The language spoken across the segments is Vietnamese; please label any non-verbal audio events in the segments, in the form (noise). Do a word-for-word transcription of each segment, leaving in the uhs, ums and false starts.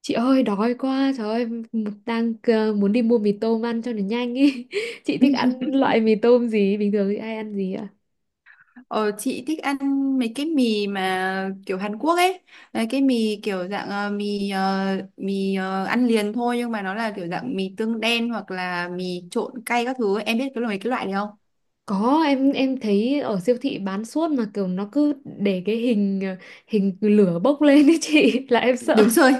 Chị ơi đói quá trời ơi m- đang ờ, muốn đi mua mì tôm ăn cho nó nhanh ý. (laughs) Chị thích ăn loại mì tôm gì? Bình thường thì ai ăn gì ạ? Ờ, chị thích ăn mấy cái mì mà kiểu Hàn Quốc ấy. Đấy, cái mì kiểu dạng ờ, mì ờ, mì ờ, ăn liền thôi nhưng mà nó là kiểu dạng mì tương đen hoặc là mì trộn cay các thứ ấy. Em biết cái loại cái loại này không? Có, em em thấy ở siêu thị bán suốt mà kiểu nó cứ để cái hình ờ, hình lửa bốc lên ấy chị, (laughs) là em sợ. Đúng rồi,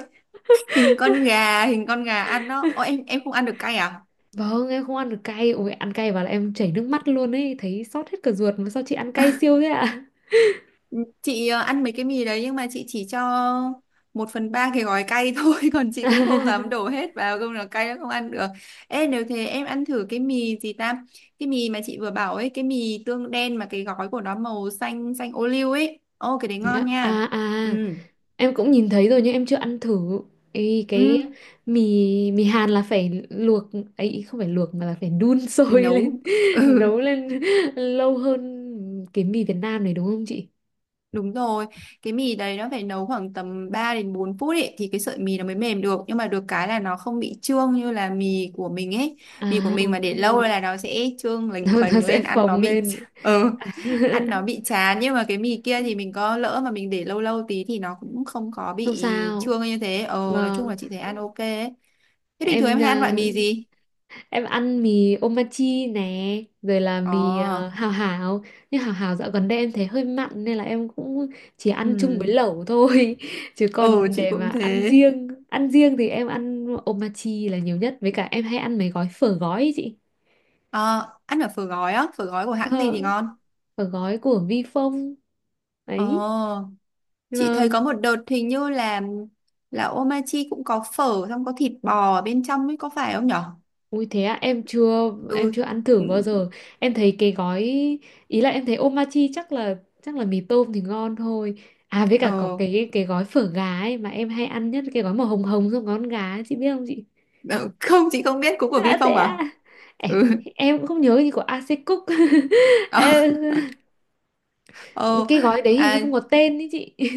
hình con gà, hình con gà ăn đó. Ồ, em em không ăn được cay à? Vâng, em không ăn được cay, ôi ăn cay vào là em chảy nước mắt luôn ấy, thấy xót hết cả ruột, mà sao chị ăn cay siêu thế ạ? Ừ, chị ờ, ăn mấy cái mì đấy nhưng mà chị chỉ cho một phần ba cái gói cay thôi, (laughs) còn chị cũng không dám (laughs) đổ hết vào, không là cay nó không ăn được. Ê, nếu thế em ăn thử cái mì gì ta, cái mì mà chị vừa bảo ấy, cái mì tương đen mà cái gói của nó màu xanh xanh ô liu ấy. Ô, cái đấy Thế ngon ạ? nha. À, Ừ. à. Em cũng nhìn thấy rồi nhưng em chưa ăn thử. Ê, cái Ừ. mì mì Hàn là phải luộc ấy, không phải luộc mà là phải đun sôi lên, Nấu. (laughs) (laughs) nấu lên lâu hơn cái mì Việt Nam này, đúng không chị? Đúng rồi, cái mì đấy nó phải nấu khoảng tầm ba đến bốn phút ấy thì cái sợi mì nó mới mềm được, nhưng mà được cái là nó không bị trương như là mì của mình ấy. À, Mì của mình mà để lâu vâng. là nó sẽ trương lềnh Nó, nó phềnh sẽ lên, ăn phồng nó bị lên. (laughs) ừ, ăn nó (laughs) bị chán, nhưng mà cái mì kia thì mình có lỡ mà mình để lâu lâu tí thì nó cũng không có bị Không sao. trương như thế. Ờ, nói chung là Vâng. chị thấy ăn ok ấy. Thế bình thường Em em hay à, ăn loại mì gì? em ăn mì omachi nè, rồi là mì ờ, Ờ, hào hào. Nhưng hào hào dạo gần đây em thấy hơi mặn nên là em cũng chỉ ăn chung với ừ. lẩu thôi. (laughs) Chứ Ừ, còn chị để mà cũng ăn thế. riêng, ăn riêng thì em ăn omachi là nhiều nhất. Với cả em hay ăn mấy gói phở gói ấy chị. Ờ, ăn ở phở gói á, phở gói của hãng gì Ờ, thì ngon? phở gói của Vifong. Ờ. Đấy. Chị thấy có một đợt hình như là là Omachi cũng có phở, xong có thịt bò ở bên trong ấy, có phải không nhở? Ui thế à, em chưa em Ừ. chưa ăn thử Ừ. bao giờ. Em thấy cái gói, ý là em thấy omachi chắc là chắc là mì tôm thì ngon thôi. À với cả có Ờ. cái cái gói phở gà ấy mà em hay ăn nhất, cái gói màu hồng hồng xong ngón gà ấy, chị biết không chị? Ờ, không chị không biết, cũng của À thế Vifong à. à? Em, Ừ. em cũng không nhớ gì của a xê Cook. (laughs) Ờ. Em- Ờ. cái gói đấy hình như À, không có tên ý chị. (laughs)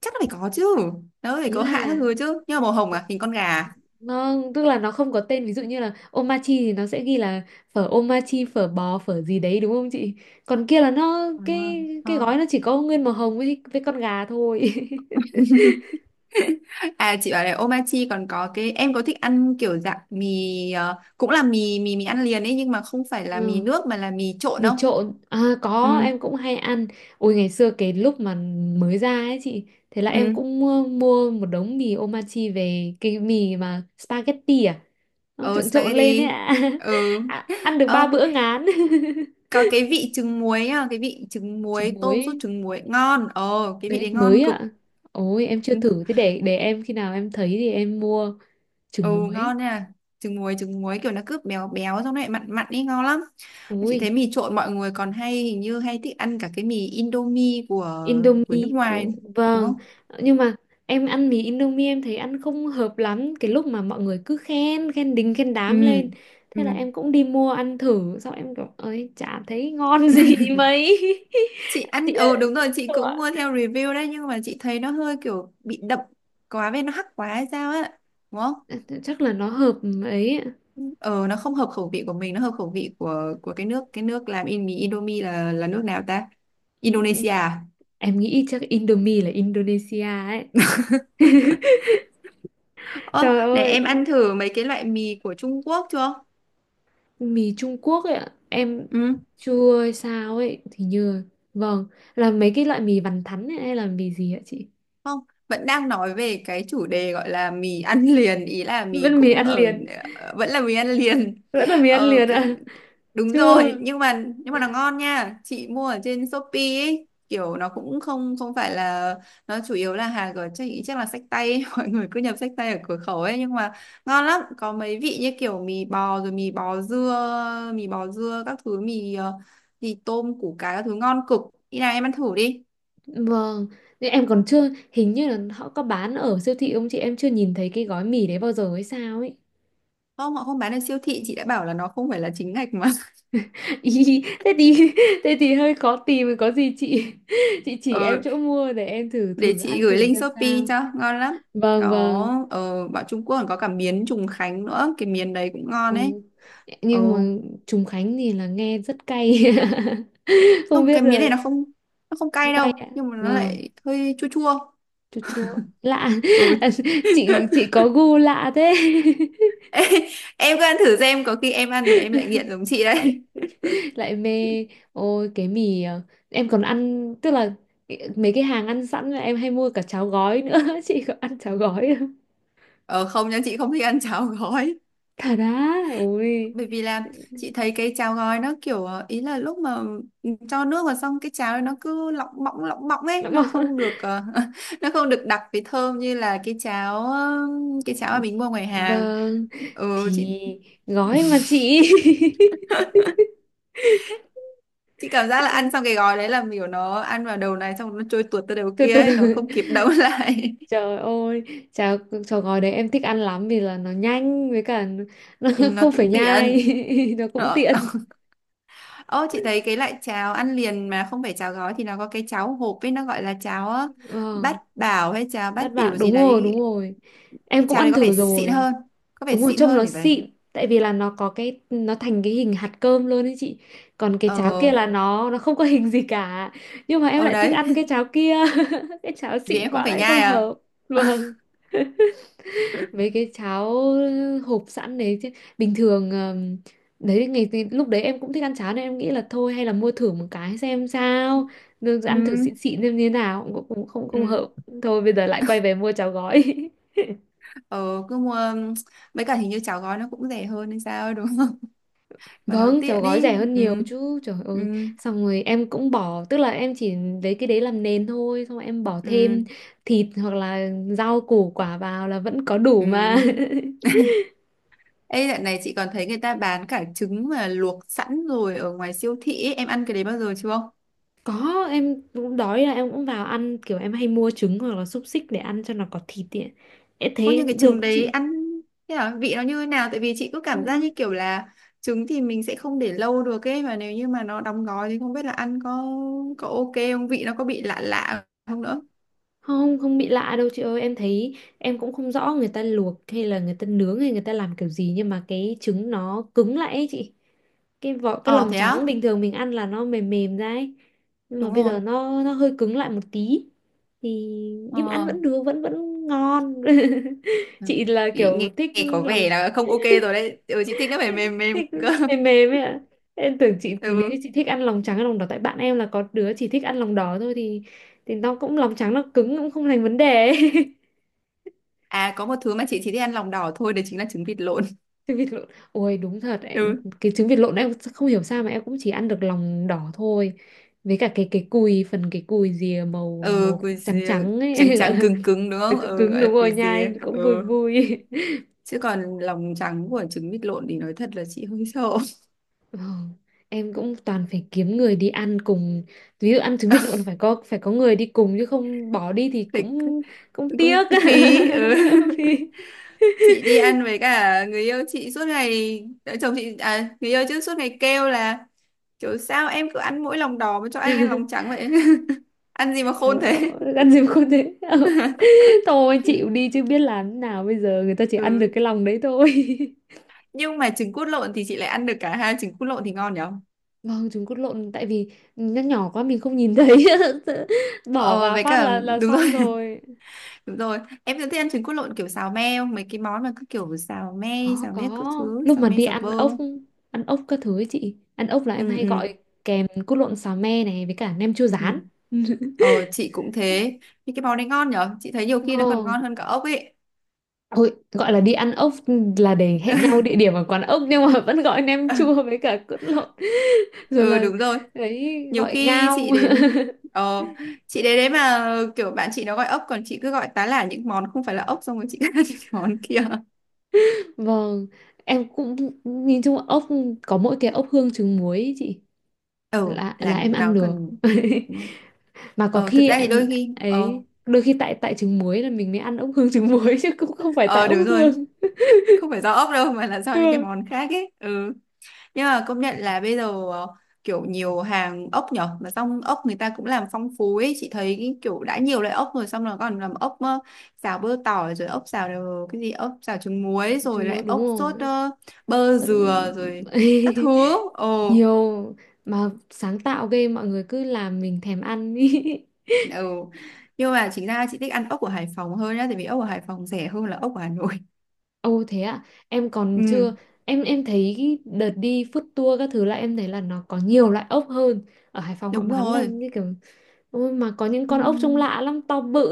chắc là phải có chứ. Nó phải Ý có hãng các là thứ chứ. Nhưng mà màu hồng à, hình con gà, à? nó, tức là nó không có tên, ví dụ như là omachi thì nó sẽ ghi là phở omachi, phở bò, phở gì đấy đúng không chị, còn kia là nó, À. cái cái Ờ. gói nó chỉ có nguyên màu hồng với với con gà thôi. (laughs) À, chị bảo là Omachi còn có cái, em có thích ăn kiểu dạng mì ờ, cũng là mì mì mì ăn liền ấy nhưng mà không phải (laughs) là mì Ừ. nước mà là mì trộn Mì không? trộn à? Có, Ừ. em cũng hay ăn. Ôi ngày xưa cái lúc mà mới ra ấy chị, thế là em Ừ. cũng mua, mua một đống mì omachi về, cái mì mà spaghetti à, ông Ờ, trộn trộn lên ấy spaghetti. ạ. Ừ. (laughs) À, ăn được ba Ờ, bữa ngán. có cái vị trứng muối à, cái vị trứng (laughs) Trứng muối muối tôm, sốt trứng muối ngon. ờ cái vị đấy đấy ngon mới cực. ạ. Ôi em chưa thử, thế để để em khi nào em thấy thì em mua trứng Ừ, muối. ngon nha, trứng muối, trứng muối kiểu nó cứ béo béo xong lại mặn mặn ý, ngon lắm. Mà chị Ôi thấy mì trộn mọi người còn hay, hình như hay thích ăn cả cái mì Indomie của của nước Indomie ngoài, của, đúng vâng. không? Nhưng mà em ăn mì Indomie em thấy ăn không hợp lắm, cái lúc mà mọi người cứ khen khen đình khen Ừ. đám lên, Ừ. thế là em cũng đi mua ăn thử, sau em kiểu ơi chả thấy ngon gì mấy. Chị (laughs) Chị ăn, ạ, ừ đúng chị rồi, chị không cũng mua ạ. theo review đấy nhưng mà chị thấy nó hơi kiểu bị đậm quá, với nó hắc quá hay sao á, đúng không? Chắc là nó hợp ấy, Ờ, nó không hợp khẩu vị của mình, nó hợp khẩu vị của của cái nước cái nước làm in mì, Indomie là là nước nào ta, Indonesia à? em nghĩ chắc Indomie là Indonesia ấy. (laughs) Ơ Trời này, ơi, em ăn thử mấy cái loại mì của Trung Quốc chưa? mì Trung Quốc ấy ạ, em Ừ. chưa hay sao ấy, thì như, vâng, là mấy cái loại mì vằn thắn ấy, hay là mì gì ạ chị? Không, vẫn đang nói về cái chủ đề gọi là mì ăn liền, ý là mì Vẫn mì cũng ăn ở, liền, vẫn là mì ăn liền. vẫn là (laughs) mì ăn ờ, liền Kiểu, ạ. (laughs) đúng Chưa. rồi, nhưng mà nhưng mà nó ngon nha, chị mua ở trên Shopee ấy, kiểu nó cũng không không phải là, nó chủ yếu là hàng của, chắc chắc là xách tay ấy. (laughs) Mọi người cứ nhập xách tay ở cửa khẩu ấy, nhưng mà ngon lắm, có mấy vị như kiểu mì bò rồi mì bò dưa mì bò dưa các thứ, mì ờ, mì tôm củ cải các thứ, ngon cực. Đi nào, em ăn thử đi. Vâng, nhưng em còn chưa, hình như là họ có bán ở siêu thị không chị, em chưa nhìn thấy cái gói mì đấy bao giờ hay sao ấy. Không, họ không bán ở siêu thị, chị đã bảo là nó không phải là chính ngạch. (laughs) Ý, thế thì (laughs) thế thì hơi khó tìm, có gì chị (laughs) chị chỉ ờ, em chỗ mua để em thử để thử chị ăn gửi thử link xem Shopee sao. cho, ngon lắm. Vâng, vâng. Có, ờ, bảo Trung Quốc còn có cả miến Trùng Khánh nữa, cái miến đấy cũng ngon ấy. Ồ, Ờ, nhưng mà Trùng Khánh thì là nghe rất cay, (laughs) không không, biết cái miến này rồi. nó không nó không Cũng cay cay đâu ạ. nhưng mà nó Vâng, lại hơi chua chua. chua chua lạ. Ừ. (laughs) chị (laughs) chị có gu lạ thế. Ê, em cứ ăn thử xem, có khi em ăn rồi em lại nghiện giống chị đấy. (laughs) Lại mê. Ôi cái mì ờ, em còn ăn, tức là cái- mấy cái hàng ăn sẵn là em hay mua cả cháo gói nữa, (laughs) chị có ăn cháo gói không? Ờ, không nha, chị không thích ăn cháo gói. Thà đá ôi. Bởi vì là chị thấy cái cháo gói nó kiểu ờ, ý là lúc mà, ừ, cho nước vào xong cái cháo ấy nó cứ lỏng bọng lỏng bọng ấy, Lắm nó không? không được ờ, (laughs) nó không được đặc với thơm như là cái cháo ờ, cái cháo mà mình mua ngoài hàng. Vâng, Ừ, chị thì gói mà chị. chị cảm giác là ăn xong cái (laughs) gói đấy là kiểu nó ăn vào đầu này xong nó trôi tuột tới đầu Từ kia từ ấy, nó từ. không kịp đậu lại. Trời ơi, chả, chả gói đấy em thích ăn lắm vì là nó nhanh, với cả nó nó (laughs) Ừ, (laughs) nó không phải cũng nhai, tiện. (laughs) nó cũng Ờ. tiện. (laughs) Ô, chị thấy cái loại cháo ăn liền mà không phải cháo gói thì nó có cái cháo hộp ấy, nó gọi là cháo ờ, bát Vâng, bảo hay cháo bát bát bạc biểu gì đúng rồi, đấy, đúng rồi. Em cái cũng cháo đấy ăn có vẻ thử xịn rồi. hơn, có vẻ Đúng rồi, xịn trông hơn nó để vậy. xịn tại vì là nó có cái, nó thành cái hình hạt cơm luôn ấy chị. Còn cái cháo kia Ờ. là nó nó không có (laughs) hình gì cả. Nhưng mà em Ờ lại thích đấy. ăn cái (laughs) cháo kia. (laughs) Cái cháo Vì xịn em không quá phải lại không nhai à. hợp. (laughs) Vâng. Với cái cháo hộp sẵn đấy chứ, bình thường ờm, đấy ngày ngày- lúc đấy em cũng thích ăn cháo nên em nghĩ là thôi hay là mua thử một cái xem sao, rồi Ừ. ăn thử xịn xịn xem như thế nào, cũng cũng không không Ừ. hợp, thôi bây giờ lại quay về mua cháo gói. (laughs) Ờ, cứ mua, mấy cả hình như cháo gói nó cũng rẻ hơn hay sao ấy, đúng không? (laughs) Mà nó Vâng, cháo tiện gói rẻ ý. hơn Ừ. nhiều chứ trời Ừ. ơi. Xong rồi em cũng bỏ, tức là em chỉ lấy cái đấy làm nền thôi, xong rồi em bỏ Ừ. thêm thịt hoặc là rau củ quả vào là vẫn có đủ mà. Ừ. (laughs) Ê, dạo này chị còn thấy người ta bán cả trứng mà luộc sẵn rồi ở ngoài siêu thị ấy. Em ăn cái đấy bao giờ chưa? Có, em cũng đói là em cũng vào ăn, kiểu em hay mua trứng hoặc là xúc xích để ăn cho nó có thịt ấy. Em Ô, thấy nhưng cái được trứng đó đấy chị. ăn thế nào, vị nó như thế nào, tại vì chị cứ cảm giác như Nó kiểu là trứng thì mình sẽ không để lâu được ấy, mà nếu như mà nó đóng gói thì không biết là ăn có, có ok không, vị nó có bị lạ lạ không nữa. không, không bị lạ đâu chị ơi, em thấy em cũng không rõ người ta luộc hay là người ta nướng hay người ta làm kiểu gì, nhưng mà cái trứng nó cứng lại ấy chị. Cái vỏ, cái Ờ, lòng thế á. trắng bình thường mình ăn là nó mềm mềm ra ấy. Nhưng mà Đúng bây rồi. giờ nó nó hơi cứng lại một tí. Thì nhưng mà ăn Ờ. vẫn được, vẫn vẫn ngon. (laughs) Ừ. Chị là nghe, kiểu nghe thích nghe có lòng vẻ là không ok rồi đấy, ừ, chị thích nó phải mềm mềm thích cơ. mềm mềm ấy ạ. Em tưởng chị, (laughs) nếu như Ừ. chị thích ăn lòng trắng hay lòng đỏ, tại bạn em là có đứa chỉ thích ăn lòng đỏ thôi, thì thì nó cũng lòng trắng nó cứng cũng không thành vấn đề ấy. (laughs) À, có một thứ mà chị chỉ thích ăn lòng đỏ thôi, đấy chính là trứng vịt lộn. Trứng vịt lộn, ôi đúng thật ấy. Ừ. Cái trứng vịt lộn em không hiểu sao mà em cũng chỉ ăn được lòng đỏ thôi, với cả cái cái cùi, phần cái cùi rìa màu Ừ, màu quỳ trắng gì, trắng trắng ấy, (laughs) gọi trắng là cứng cứng đúng không, cứng ừ, cứng gọi đúng là rồi, quỳ gì. nhai cũng vui Ừ, vui. chứ còn lòng trắng của trứng vịt lộn thì nói thật là chị hơi sợ. (laughs) Ờ, em cũng toàn phải kiếm người đi ăn cùng, ví dụ ăn trứng vịt lộn là phải có phải có người đi cùng, chứ không bỏ đi thì Thì cũng cũng cũng, tiếc. cũng phí, ừ. (laughs) Vì- (laughs) Chị đi ăn với cả người yêu chị suốt ngày à, chồng chị à, người yêu chứ, suốt ngày kêu là kiểu sao em cứ ăn mỗi lòng đỏ mà cho anh ăn lòng trắng vậy. (laughs) Ăn gì mà khôn trời thế. ơi ăn gì mà không thế. Ờ, (laughs) thôi (laughs) chịu đi chứ biết làm thế nào bây giờ, người ta chỉ ăn được Ừ. cái lòng đấy thôi. Nhưng mà trứng cút lộn thì chị lại ăn được cả hai, trứng cút lộn thì ngon nhở. (laughs) Vâng, trứng cút lộn tại vì nó nhỏ quá mình không nhìn thấy, (laughs) bỏ Ờ, vào với phát cả, là là đúng rồi. xong rồi. (laughs) Đúng rồi, em cứ thích ăn trứng cút lộn kiểu xào me, không mấy cái món mà cứ kiểu xào me, có xào me có các thứ, lúc xào mà me, đi xào bơ. ăn ốc, ăn ốc các thứ ấy chị, ăn ốc là Ừ. em hay Ừ. gọi kèm cút lộn xào me này, với cả nem chua Ừ. rán. (laughs) Ờ chị cũng thế. Thì cái món đấy ngon nhở, chị thấy nhiều khi nó Ồ, còn ngon hơn cả ốc ấy. ôi, gọi là đi ăn ốc là để hẹn nhau địa điểm ở quán ốc, nhưng mà (laughs) vẫn gọi nem chua (laughs) với cả cút lộn, (laughs) rồi Ừ, là đúng rồi. đấy, Nhiều gọi khi ngao. chị đến, ờ, chị đến đấy mà kiểu bạn chị nó gọi ốc, còn chị cứ gọi tá là những món không phải là ốc, xong rồi chị (laughs) cứ ăn cái món kia. (laughs) Vâng, em cũng nhìn chung ốc có mỗi cái ốc hương trứng muối ấy chị Ừ, là là là em ăn nó được. còn. (laughs) Mà có Ờ, thực khi ra thì em đôi khi. Ờ. ấy, đôi khi tại tại trứng muối là mình mới ăn ốc hương trứng muối chứ cũng không phải tại Ờ, ốc đúng rồi, hương. không phải do ốc đâu mà là do những cái món khác ấy. Ừ. Nhưng mà công nhận là bây giờ ờ, kiểu nhiều hàng ốc nhở, mà xong ốc người ta cũng làm phong phú ấy, chị thấy cái kiểu đã nhiều loại ốc rồi xong rồi còn làm ốc ờ, xào bơ tỏi rồi ốc xào đồ- cái gì, ốc xào trứng muối, (laughs) rồi Trứng muối lại đúng ốc sốt rồi, ờ, bơ rất dừa rồi các thứ. (laughs) Ồ. nhiều mà sáng tạo ghê, mọi người cứ làm mình thèm ăn ý. Ừ. Nhưng mà chính ra chị thích ăn ốc của Hải Phòng hơn nhá, tại vì ốc của Hải Phòng rẻ hơn là ốc của Hà Nội. (laughs) Ô thế ạ, em còn Ừ, chưa, em em thấy cái đợt đi food tour các thứ là em thấy là nó có nhiều loại ốc hơn ở Hải Phòng, họ đúng bán là rồi. như kiểu, ôi mà có những Ừ. con ốc trông lạ lắm, to bự.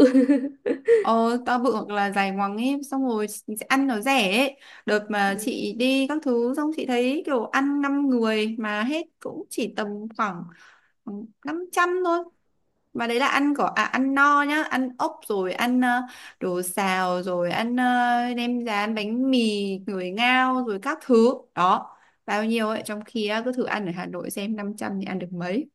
(laughs) Ờ, to bự hoặc là dài ngoằng ấy, xong rồi chị sẽ ăn nó rẻ ấy. Đợt mà Ừ. chị đi các thứ xong chị thấy kiểu ăn năm người mà hết cũng chỉ tầm khoảng năm trăm thôi, mà đấy là ăn cỏ à, ăn no nhá, ăn ốc rồi ăn ờ, đồ xào rồi ăn ờ, nem rán bánh mì người ngao rồi các thứ đó bao nhiêu ấy, trong khi á, cứ thử ăn ở Hà Nội xem, năm trăm thì ăn được mấy.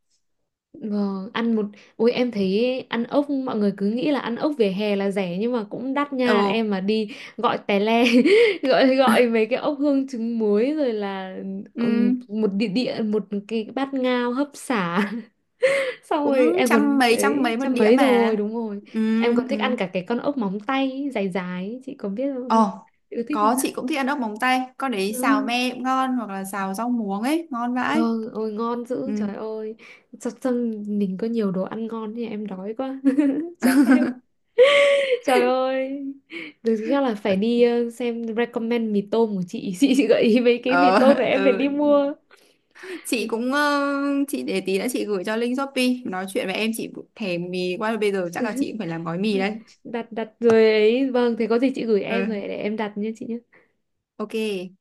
Vâng, ăn một, ôi em thấy ăn ốc mọi người cứ nghĩ là ăn ốc vỉa hè là rẻ nhưng mà cũng đắt Ồ. nha, em mà đi gọi tè le, (laughs) gọi gọi mấy cái ốc hương trứng muối, rồi là Ừ. ừm, (laughs) một địa địa một cái bát ngao hấp xả, (laughs) xong rồi Cũng em trăm còn mấy trăm đấy mấy một trăm đĩa mấy mà. rồi, đúng rồi. Ừ. Em còn thích Ừ. ăn cả cái con ốc móng tay ý, dài dài ý, chị có biết không? Ờ, (laughs) Chị có thích không? có, (laughs) chị cũng thích ăn ốc móng tay, con đấy xào Ừ. me cũng ngon hoặc là xào rau muống ấy, ngon vãi. Vâng, ôi ngon dữ Ừ. trời ơi. Sao, sao mình có nhiều đồ ăn ngon thì em đói quá, (laughs) chắc em. (laughs) Trời ơi, thực ra là phải đi ờ, xem recommend mì tôm của chị. (laughs) Chị, chị gợi ý mấy cái mì Ờ. tôm để em phải Ừ. đi mua. Chị cũng ờ, chị để tí nữa chị gửi cho link Shopee, nói chuyện với em chị thèm mì quá, bây giờ chắc là chị (laughs) cũng phải làm gói mì đây. Đặt đặt rồi ấy. Vâng, thế có gì chị gửi em Ừ, rồi để em đặt nha chị nhé. ok.